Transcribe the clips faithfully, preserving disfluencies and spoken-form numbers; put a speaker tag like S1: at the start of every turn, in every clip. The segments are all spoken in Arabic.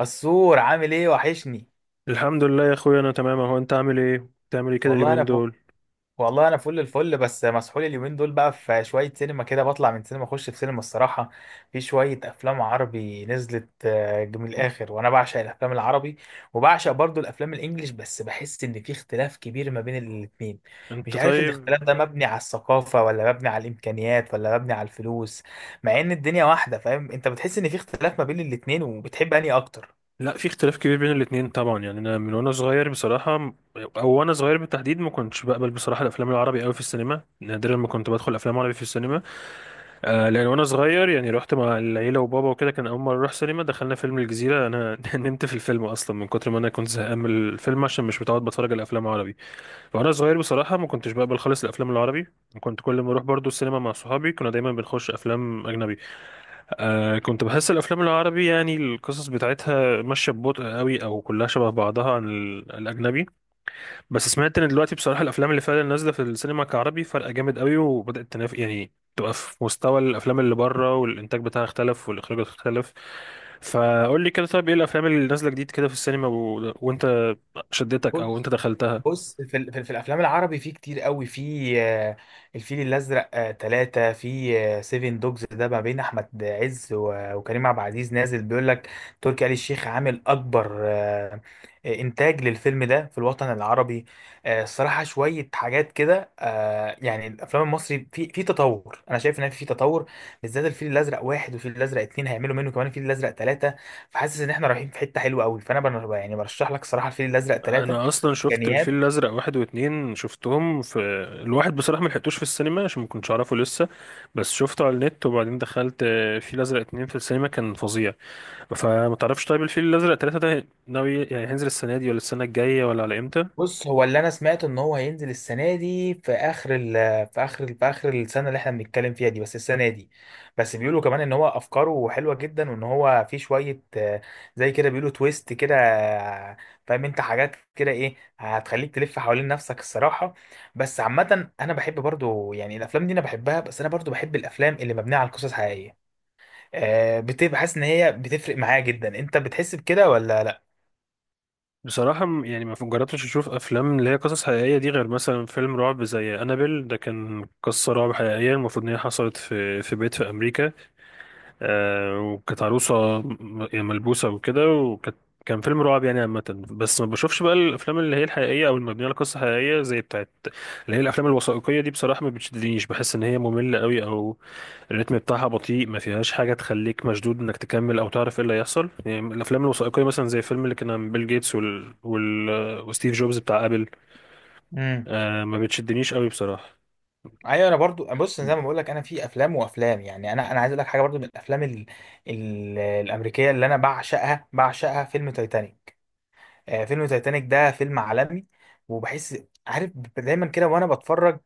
S1: السور عامل ايه وحشني.
S2: الحمد لله يا اخويا، انا تمام اهو. انت عامل ايه؟ بتعمل ايه كده
S1: والله
S2: اليومين
S1: انا فل...
S2: دول؟
S1: والله انا فل الفل، بس مسحول اليومين دول. بقى في شويه سينما كده، بطلع من سينما اخش في سينما الصراحه. في شويه افلام عربي نزلت، آه، من الاخر. وانا بعشق الافلام العربي، وبعشق برضو الافلام الانجليش، بس بحس ان في اختلاف كبير ما بين الاتنين.
S2: انت
S1: مش عارف
S2: طيب؟
S1: الاختلاف ده مبني على الثقافه، ولا مبني على الامكانيات، ولا مبني على الفلوس، مع ان الدنيا واحده. فاهم انت؟ بتحس ان في اختلاف ما بين الاتنين، وبتحب انهي اكتر؟
S2: لا، في اختلاف كبير بين الاتنين طبعا. يعني انا من وانا صغير بصراحه م- او وانا صغير بالتحديد ما كنتش بقبل بصراحه الافلام العربي قوي في السينما، نادرا ما كنت بدخل افلام عربي في السينما. آه، لان وانا صغير يعني رحت مع العيله وبابا وكده، كان اول مره اروح سينما دخلنا فيلم الجزيره، انا نمت في الفيلم اصلا من كتر ما انا كنت زهقان من الفيلم عشان مش متعود بتفرج على الافلام العربي. فانا صغير بصراحه ما كنتش بقبل خالص الافلام العربي، كنت كل ما اروح برضو السينما مع صحابي كنا دايما بنخش افلام اجنبي. آه، كنت بحس الافلام العربي يعني القصص بتاعتها ماشيه ببطء قوي، او كلها شبه بعضها عن ال- الاجنبي. بس سمعت ان دلوقتي بصراحه الافلام اللي فعلا نازله في السينما كعربي فرق جامد قوي، وبدات تنافس يعني تبقى في مستوى الافلام اللي بره، والانتاج بتاعها اختلف والاخراج اختلف. فقول لي كده، طيب ايه الافلام اللي نازله جديد كده في السينما و... وانت شدتك او انت دخلتها؟
S1: بص، في, ال... في في الافلام العربي في كتير قوي. في آه، الفيل الازرق، آه، تلاتة. في آه، سيفن دوجز، ده ما بين احمد عز و- وكريم عبد العزيز، نازل بيقول لك تركي آل الشيخ عامل اكبر آه، آه، انتاج للفيلم ده في الوطن العربي. آه، الصراحه شويه حاجات كده، آه، يعني الافلام المصري في في تطور. انا شايف ان في تطور، بالذات الفيل الازرق واحد والفيل الازرق اتنين، هيعملوا منه كمان الفيل الازرق تلاتة. فحاسس ان احنا رايحين في حته حلوه قوي. فانا بن- يعني برشح لك صراحه الفيل الازرق تلاتة.
S2: انا اصلا شفت الفيل
S1: امكانيات.
S2: الازرق واحد واتنين شفتهم. في الواحد بصراحه ما لحقتوش في السينما عشان ما كنتش اعرفه لسه، بس شفته على النت. وبعدين دخلت آه، فيل الازرق اتنين في السينما كان فظيع. فما تعرفش طيب الفيل الازرق تلاتة ده ناوي يعني هينزل السنه دي ولا السنه الجايه ولا على امتى؟
S1: بص، هو اللي انا سمعت ان هو هينزل السنه دي في اخر ال في اخر ال في اخر السنه اللي احنا بنتكلم فيها دي، بس السنه دي. بس بيقولوا كمان ان هو افكاره حلوه جدا، وان هو في شويه آه، زي كده، بيقولوا تويست كده. آه، فاهم انت؟ حاجات كده، ايه هتخليك تلف حوالين نفسك الصراحه. بس عامه انا بحب برضو يعني الافلام دي، انا بحبها، بس انا برضو بحب الافلام اللي مبنيه على قصص حقيقيه. آه، بتبقى حاسس ان هي بتفرق معايا جدا. انت بتحس بكده ولا لا؟
S2: بصراحه م- يعني ما جربتش اشوف افلام اللي هي قصص حقيقيه دي غير مثلا فيلم رعب زي انابيل، ده كان قصه رعب حقيقيه المفروض ان هي حصلت في في بيت في امريكا. آه، وكانت عروسة م- يعني ملبوسة وكده، وكان كان فيلم رعب يعني عامة. بس ما بشوفش بقى الأفلام اللي هي الحقيقية أو المبنية على قصة حقيقية زي بتاعت اللي هي الأفلام الوثائقية دي، بصراحة ما بتشدنيش. بحس إن هي مملة قوي، أو الريتم بتاعها بطيء، ما فيهاش حاجة تخليك مشدود إنك تكمل أو تعرف إيه اللي هيحصل. يعني الأفلام الوثائقية مثلا زي الفيلم اللي كان عن بيل جيتس وال... وال... وستيف جوبز بتاع أبل،
S1: امم
S2: آه ما بتشدنيش قوي بصراحة.
S1: ايوه، انا برضو بص، زي ما بقول لك، انا في افلام وافلام، يعني انا انا عايز اقول لك حاجه برضو. من الافلام ال... ال... الامريكيه اللي انا بعشقها بعشقها فيلم تايتانيك. آه، فيلم تايتانيك ده فيلم عالمي، وبحس، عارف، دايما كده وانا بتفرج،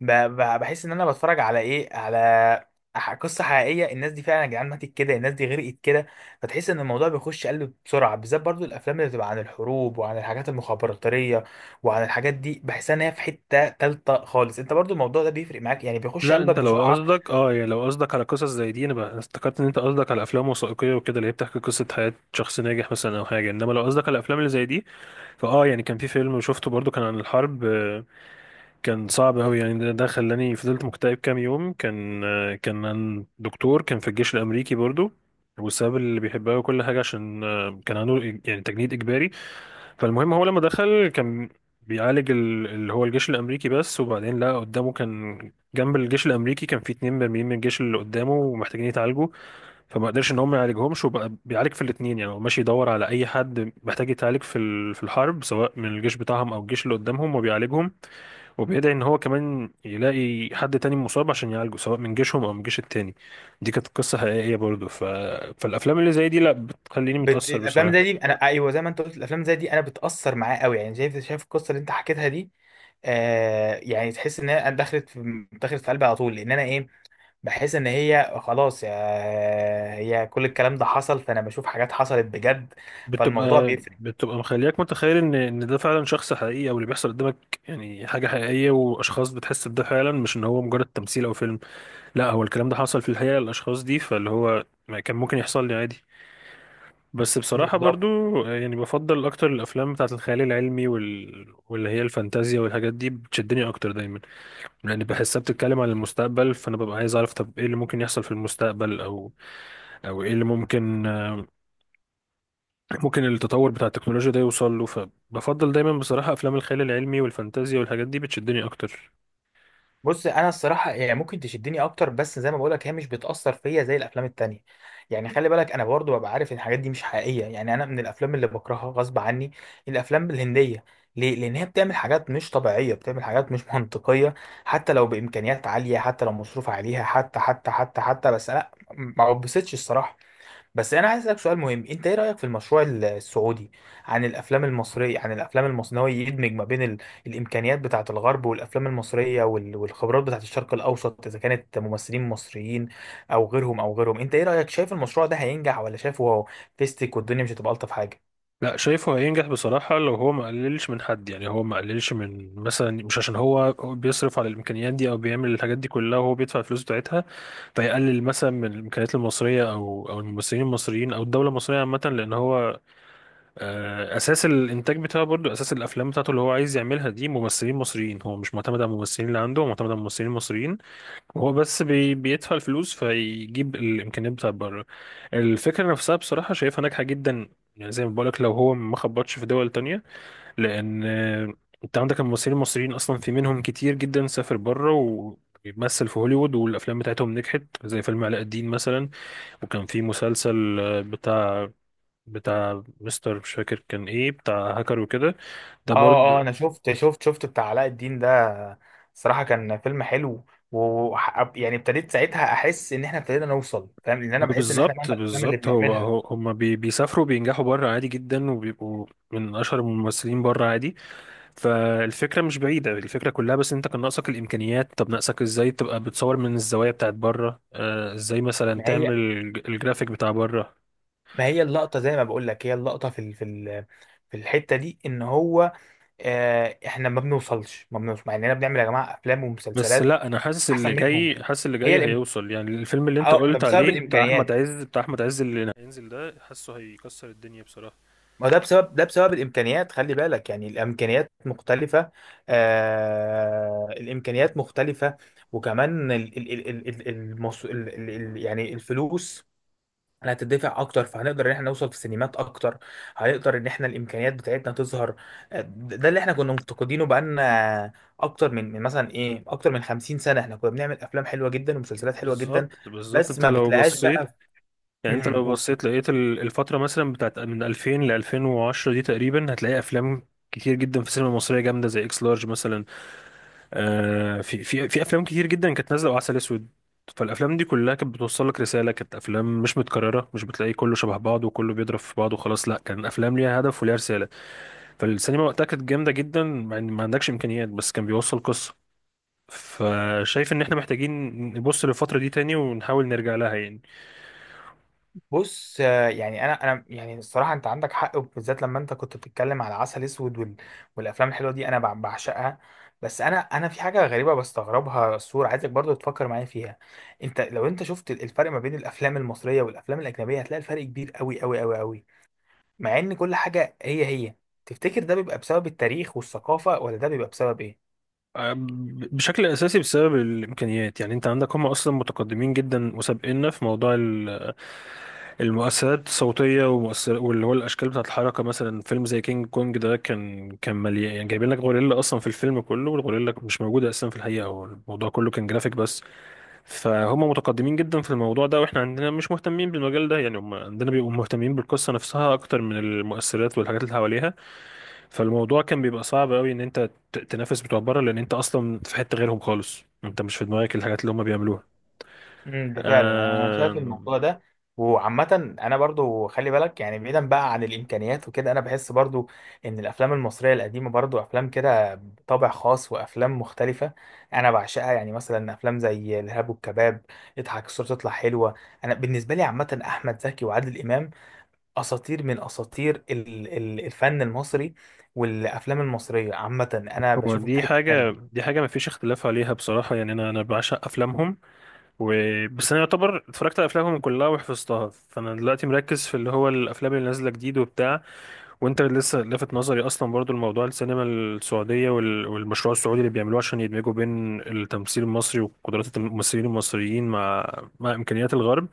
S1: ب- ب- بحس ان انا بتفرج على ايه، على ح- قصة حقيقية. الناس دي فعلا يا جدعان ماتت كده، الناس دي غرقت كده. فتحس ان الموضوع بيخش قلب بسرعة، بالذات برضو الافلام اللي بتبقى عن الحروب وعن الحاجات المخابراتية وعن الحاجات دي. بحس ان هي في حتة تالتة خالص. انت برضو الموضوع ده بيفرق معاك؟ يعني بيخش
S2: لا،
S1: قلبك
S2: انت لو
S1: بسرعة.
S2: قصدك اه يعني لو قصدك على قصص زي دي، انا بقى افتكرت ان انت قصدك على افلام وثائقيه وكده اللي هي بتحكي قصه حياه شخص ناجح مثلا او حاجه، انما لو قصدك على الافلام اللي زي دي فاه يعني كان في فيلم شفته برضو كان عن الحرب، آه، كان صعب قوي. يعني ده ده خلاني فضلت مكتئب كام يوم. كان آه، كان عن دكتور كان في الجيش الامريكي برضو، والسبب اللي بيحبها وكل حاجه عشان آه، كان عنده يعني تجنيد اجباري. فالمهم هو لما دخل كان بيعالج ال- اللي هو الجيش الامريكي بس، وبعدين لقى قدامه كان جنب الجيش الامريكي كان في اتنين مرميين من الجيش اللي قدامه ومحتاجين يتعالجوا. فما قدرش ان هم يعالجهمش، وبقى بيعالج في الاتنين. يعني هو ماشي يدور على اي حد محتاج يتعالج في ال- في الحرب سواء من الجيش بتاعهم او الجيش اللي قدامهم، وبيعالجهم. وبيدعي ان هو كمان يلاقي حد تاني مصاب عشان يعالجه سواء من جيشهم او من الجيش التاني. دي كانت قصة حقيقية برضه. ف... فالافلام اللي زي دي لا، بتخليني
S1: بت...
S2: متأثر
S1: الافلام
S2: بصراحة.
S1: زي دي، انا ايوه، زي ما انت قلت، الافلام زي دي انا بتاثر معاه قوي. يعني شايف، شايف القصه اللي انت حكيتها دي، آه، يعني تحس ان هي دخلت في دخلت في قلبي على طول. لان انا ايه، بحس ان هي خلاص، يا هي، كل الكلام ده حصل، فانا بشوف حاجات حصلت بجد. فالموضوع
S2: بتبقى
S1: بيفرق.
S2: بتبقى مخلياك متخيل ان ان ده فعلا شخص حقيقي، او اللي بيحصل قدامك يعني حاجه حقيقيه واشخاص، بتحس بده فعلا مش ان هو مجرد تمثيل او فيلم. لا، هو الكلام ده حصل في الحقيقه للاشخاص دي، فاللي هو ما كان ممكن يحصل لي عادي. بس بصراحه
S1: بالظبط.
S2: برضو يعني بفضل اكتر الافلام بتاعه الخيال العلمي وال... واللي هي الفانتازيا والحاجات دي بتشدني اكتر دايما. لان بحسها بتتكلم عن المستقبل، فانا ببقى عايز اعرف طب ايه اللي ممكن يحصل في المستقبل، او او ايه اللي ممكن ممكن التطور بتاع التكنولوجيا ده يوصل له. فبفضل دايما بصراحة أفلام الخيال العلمي والفانتازيا والحاجات دي بتشدني أكتر.
S1: بص انا الصراحه يعني ممكن تشدني اكتر، بس زي ما بقولك هي مش بتاثر فيا زي الافلام التانية. يعني خلي بالك، انا برضو ببقى عارف ان الحاجات دي مش حقيقيه. يعني انا من الافلام اللي بكرهها غصب عني الافلام الهنديه. ليه؟ لان هي بتعمل حاجات مش طبيعيه، بتعمل حاجات مش منطقيه، حتى لو بامكانيات عاليه، حتى لو مصروف عليها، حتى حتى حتى حتى بس لا، ما بتبسطش الصراحه. بس انا عايز اسالك سؤال مهم. انت ايه رايك في المشروع ال- السعودي عن الافلام المصريه؟ عن الافلام المصريه إن هو يدمج ما بين ال... الامكانيات بتاعه الغرب والافلام المصريه وال... والخبرات بتاعه الشرق الاوسط، اذا كانت ممثلين مصريين او غيرهم او غيرهم. انت ايه رايك؟ شايف المشروع ده هينجح؟ ولا شايفه هو فيستك والدنيا مش هتبقى الطف حاجه؟
S2: لا شايفه هينجح بصراحة لو هو ما قللش من حد. يعني هو ما قللش من مثلا، مش عشان هو بيصرف على الإمكانيات دي أو بيعمل الحاجات دي كلها وهو بيدفع الفلوس بتاعتها، فيقلل مثلا من الإمكانيات المصرية أو أو الممثلين المصريين أو الدولة المصرية عامة. لأن هو آه، أساس الإنتاج بتاعه برضه أساس الأفلام بتاعته اللي هو عايز يعملها دي ممثلين مصريين. هو مش معتمد على الممثلين اللي عنده، هو معتمد على ممثلين مصريين. هو بس بي بيدفع الفلوس فيجيب الامكانيات بتاعت بره. الفكره نفسها بصراحه شايفها ناجحه جدا. يعني زي ما بقولك لو هو ما خبطش في دول تانية، لان آه، انت عندك الممثلين المصريين اصلا، في منهم كتير جدا سافر بره وبيمثل في هوليوود، والافلام بتاعتهم نجحت زي فيلم علاء الدين مثلا. وكان في مسلسل آه، بتاع بتاع مستر مش فاكر كان ايه، بتاع هاكر وكده، ده
S1: اه.
S2: برضو.
S1: اه انا شفت شفت شفت بتاع علاء الدين ده، صراحه كان فيلم حلو. و، يعني ابتديت ساعتها احس ان احنا ابتدينا نوصل. فاهم؟ لان انا بحس ان احنا
S2: بالظبط
S1: مهما الافلام اللي
S2: بالظبط، هو
S1: بنعملها.
S2: هو هم بي بيسافروا بينجحوا بره عادي جدا، وبيبقوا من اشهر الممثلين بره عادي. فالفكره مش بعيده، الفكره كلها بس انت كان ناقصك الامكانيات. طب ناقصك ازاي تبقى بتصور من الزوايا بتاعت بره، آه ازاي مثلا
S1: ما
S2: تعمل
S1: هي
S2: الج- الجرافيك بتاع بره.
S1: ما هي اللقطة، زي ما بقول لك، هي اللقطة في ال في ال في الحتة دي، ان هو آه، احنا ما بنوصلش ما بنوصلش مع اننا بنعمل يا جماعة افلام
S2: بس
S1: ومسلسلات
S2: لا، انا حاسس
S1: احسن
S2: اللي
S1: منهم.
S2: جاي، حاسس اللي
S1: هي
S2: جاي
S1: الإم...
S2: هيوصل. يعني الفيلم اللي انت
S1: اه، ما
S2: قلت
S1: بسبب
S2: عليه بتاع احمد
S1: الامكانيات.
S2: عز بتاع احمد عز اللي هينزل ده حاسه هيكسر الدنيا بصراحه.
S1: ما ده بسبب ده بسبب الامكانيات. خلي بالك يعني الامكانيات مختلفة. آه، الامكانيات مختلفة. وكمان ال ال ال ال ال المص... ال ال ال يعني الفلوس. انا هتدفع اكتر، فهنقدر ان احنا نوصل في سينمات اكتر. هنقدر ان احنا الامكانيات بتاعتنا تظهر. ده ده اللي احنا كنا مفتقدينه. بقالنا اكتر من من مثلا ايه، اكتر من خمسين سنه، احنا كنا بنعمل افلام حلوه جدا ومسلسلات حلوه جدا،
S2: بالظبط بالظبط،
S1: بس
S2: انت
S1: ما
S2: لو
S1: بتلاقيهاش بقى.
S2: بصيت
S1: في...
S2: يعني انت لو بصيت لقيت ال- الفترة مثلا بتاعت من ألفين ل ألفين وعشرة دي تقريبا، هتلاقي افلام كتير جدا في السينما المصرية جامدة زي اكس لارج مثلا. آه، في في في افلام كتير جدا كانت نازلة وعسل اسود. فالافلام دي كلها كانت بتوصل لك رسالة، كانت افلام مش متكررة، مش بتلاقي كله شبه بعض وكله بيضرب في بعض وخلاص. لا، كان افلام ليها هدف وليها رسالة. فالسينما وقتها كانت جامدة جدا مع ان ما عندكش امكانيات بس كان بيوصل قصة. فشايف ان احنا محتاجين نبص للفترة دي تاني ونحاول نرجع لها يعني.
S1: بص، آه، يعني انا انا يعني الصراحه انت عندك حق، بالذات لما انت كنت بتتكلم على عسل اسود وال... والافلام الحلوه دي انا بع- بعشقها. بس انا انا في حاجه غريبه بستغربها الصور، عايزك برضو تفكر معايا فيها. انت لو انت شفت الفرق ما بين الافلام المصريه والافلام الاجنبيه، هتلاقي الفرق كبير قوي قوي قوي قوي، مع ان كل حاجه هي هي. تفتكر ده بيبقى بسبب التاريخ والثقافه، ولا ده بيبقى بسبب ايه؟
S2: بشكل اساسي بسبب الامكانيات. يعني انت عندك هم اصلا متقدمين جدا وسابقنا في موضوع ال- المؤثرات الصوتيه ومؤثر، واللي هو الاشكال بتاعه الحركه. مثلا فيلم زي كينج كونج ده كان كان مليان، يعني جايبين لك غوريلا اصلا في الفيلم كله، والغوريلا مش موجوده اصلا في الحقيقه، هو الموضوع كله كان جرافيك بس. فهم متقدمين جدا في الموضوع ده، واحنا عندنا مش مهتمين بالمجال ده. يعني هم عندنا بيبقوا مهتمين بالقصه نفسها اكتر من المؤثرات والحاجات اللي حواليها. فالموضوع كان بيبقى صعب قوي ان انت ت- تنافس بتوع بره، لان انت اصلا في حته غيرهم خالص، انت مش في دماغك الحاجات اللي هم بيعملوها.
S1: امم ده فعلا انا
S2: آه،
S1: شايف الموضوع ده. وعامة انا برضو خلي بالك، يعني بعيدا بقى عن الامكانيات وكده، انا بحس برضو ان الافلام المصرية القديمة برضو افلام كده بطابع خاص، وافلام مختلفة، انا بعشقها. يعني مثلا افلام زي الارهاب والكباب، اضحك الصورة تطلع حلوة. انا بالنسبة لي، عامة، احمد زكي وعادل امام اساطير من اساطير ال- ال- الفن المصري، والافلام المصرية عامة انا
S2: هو
S1: بشوفهم في
S2: دي
S1: حتة
S2: حاجه
S1: تانية.
S2: دي حاجه ما فيش اختلاف عليها بصراحه. يعني انا انا بعشق افلامهم. و... بس انا يعتبر اتفرجت على افلامهم كلها وحفظتها، فانا دلوقتي مركز في اللي هو الافلام اللي نازله جديد وبتاع. وانت لسه لافت نظري اصلا برضو الموضوع السينما السعوديه وال... والمشروع السعودي اللي بيعملوه عشان يدمجوا بين التمثيل المصري وقدرات الممثلين المصريين مع مع امكانيات الغرب.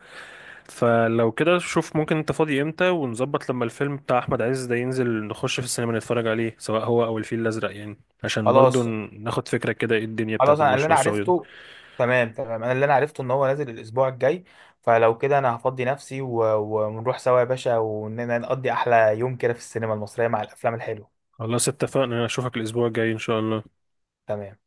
S2: فلو كده شوف ممكن انت فاضي امتى، ونظبط لما الفيلم بتاع احمد عز ده ينزل نخش في السينما نتفرج عليه سواء هو او الفيل الازرق، يعني عشان برضو
S1: خلاص.
S2: ن- ناخد فكرة كده ايه الدنيا
S1: خلاص
S2: بتاعت
S1: انا اللي
S2: المشروع
S1: انا
S2: السعودي.
S1: عرفته تمام تمام. انا اللي انا عرفته ان هو نازل الاسبوع الجاي. فلو كده انا هفضي نفسي، و... ونروح سوا يا باشا، ونقضي احلى يوم كده في السينما المصرية مع الافلام الحلوة.
S2: خلاص اتفقنا، اشوفك الاسبوع الجاي ان شاء الله.
S1: تمام.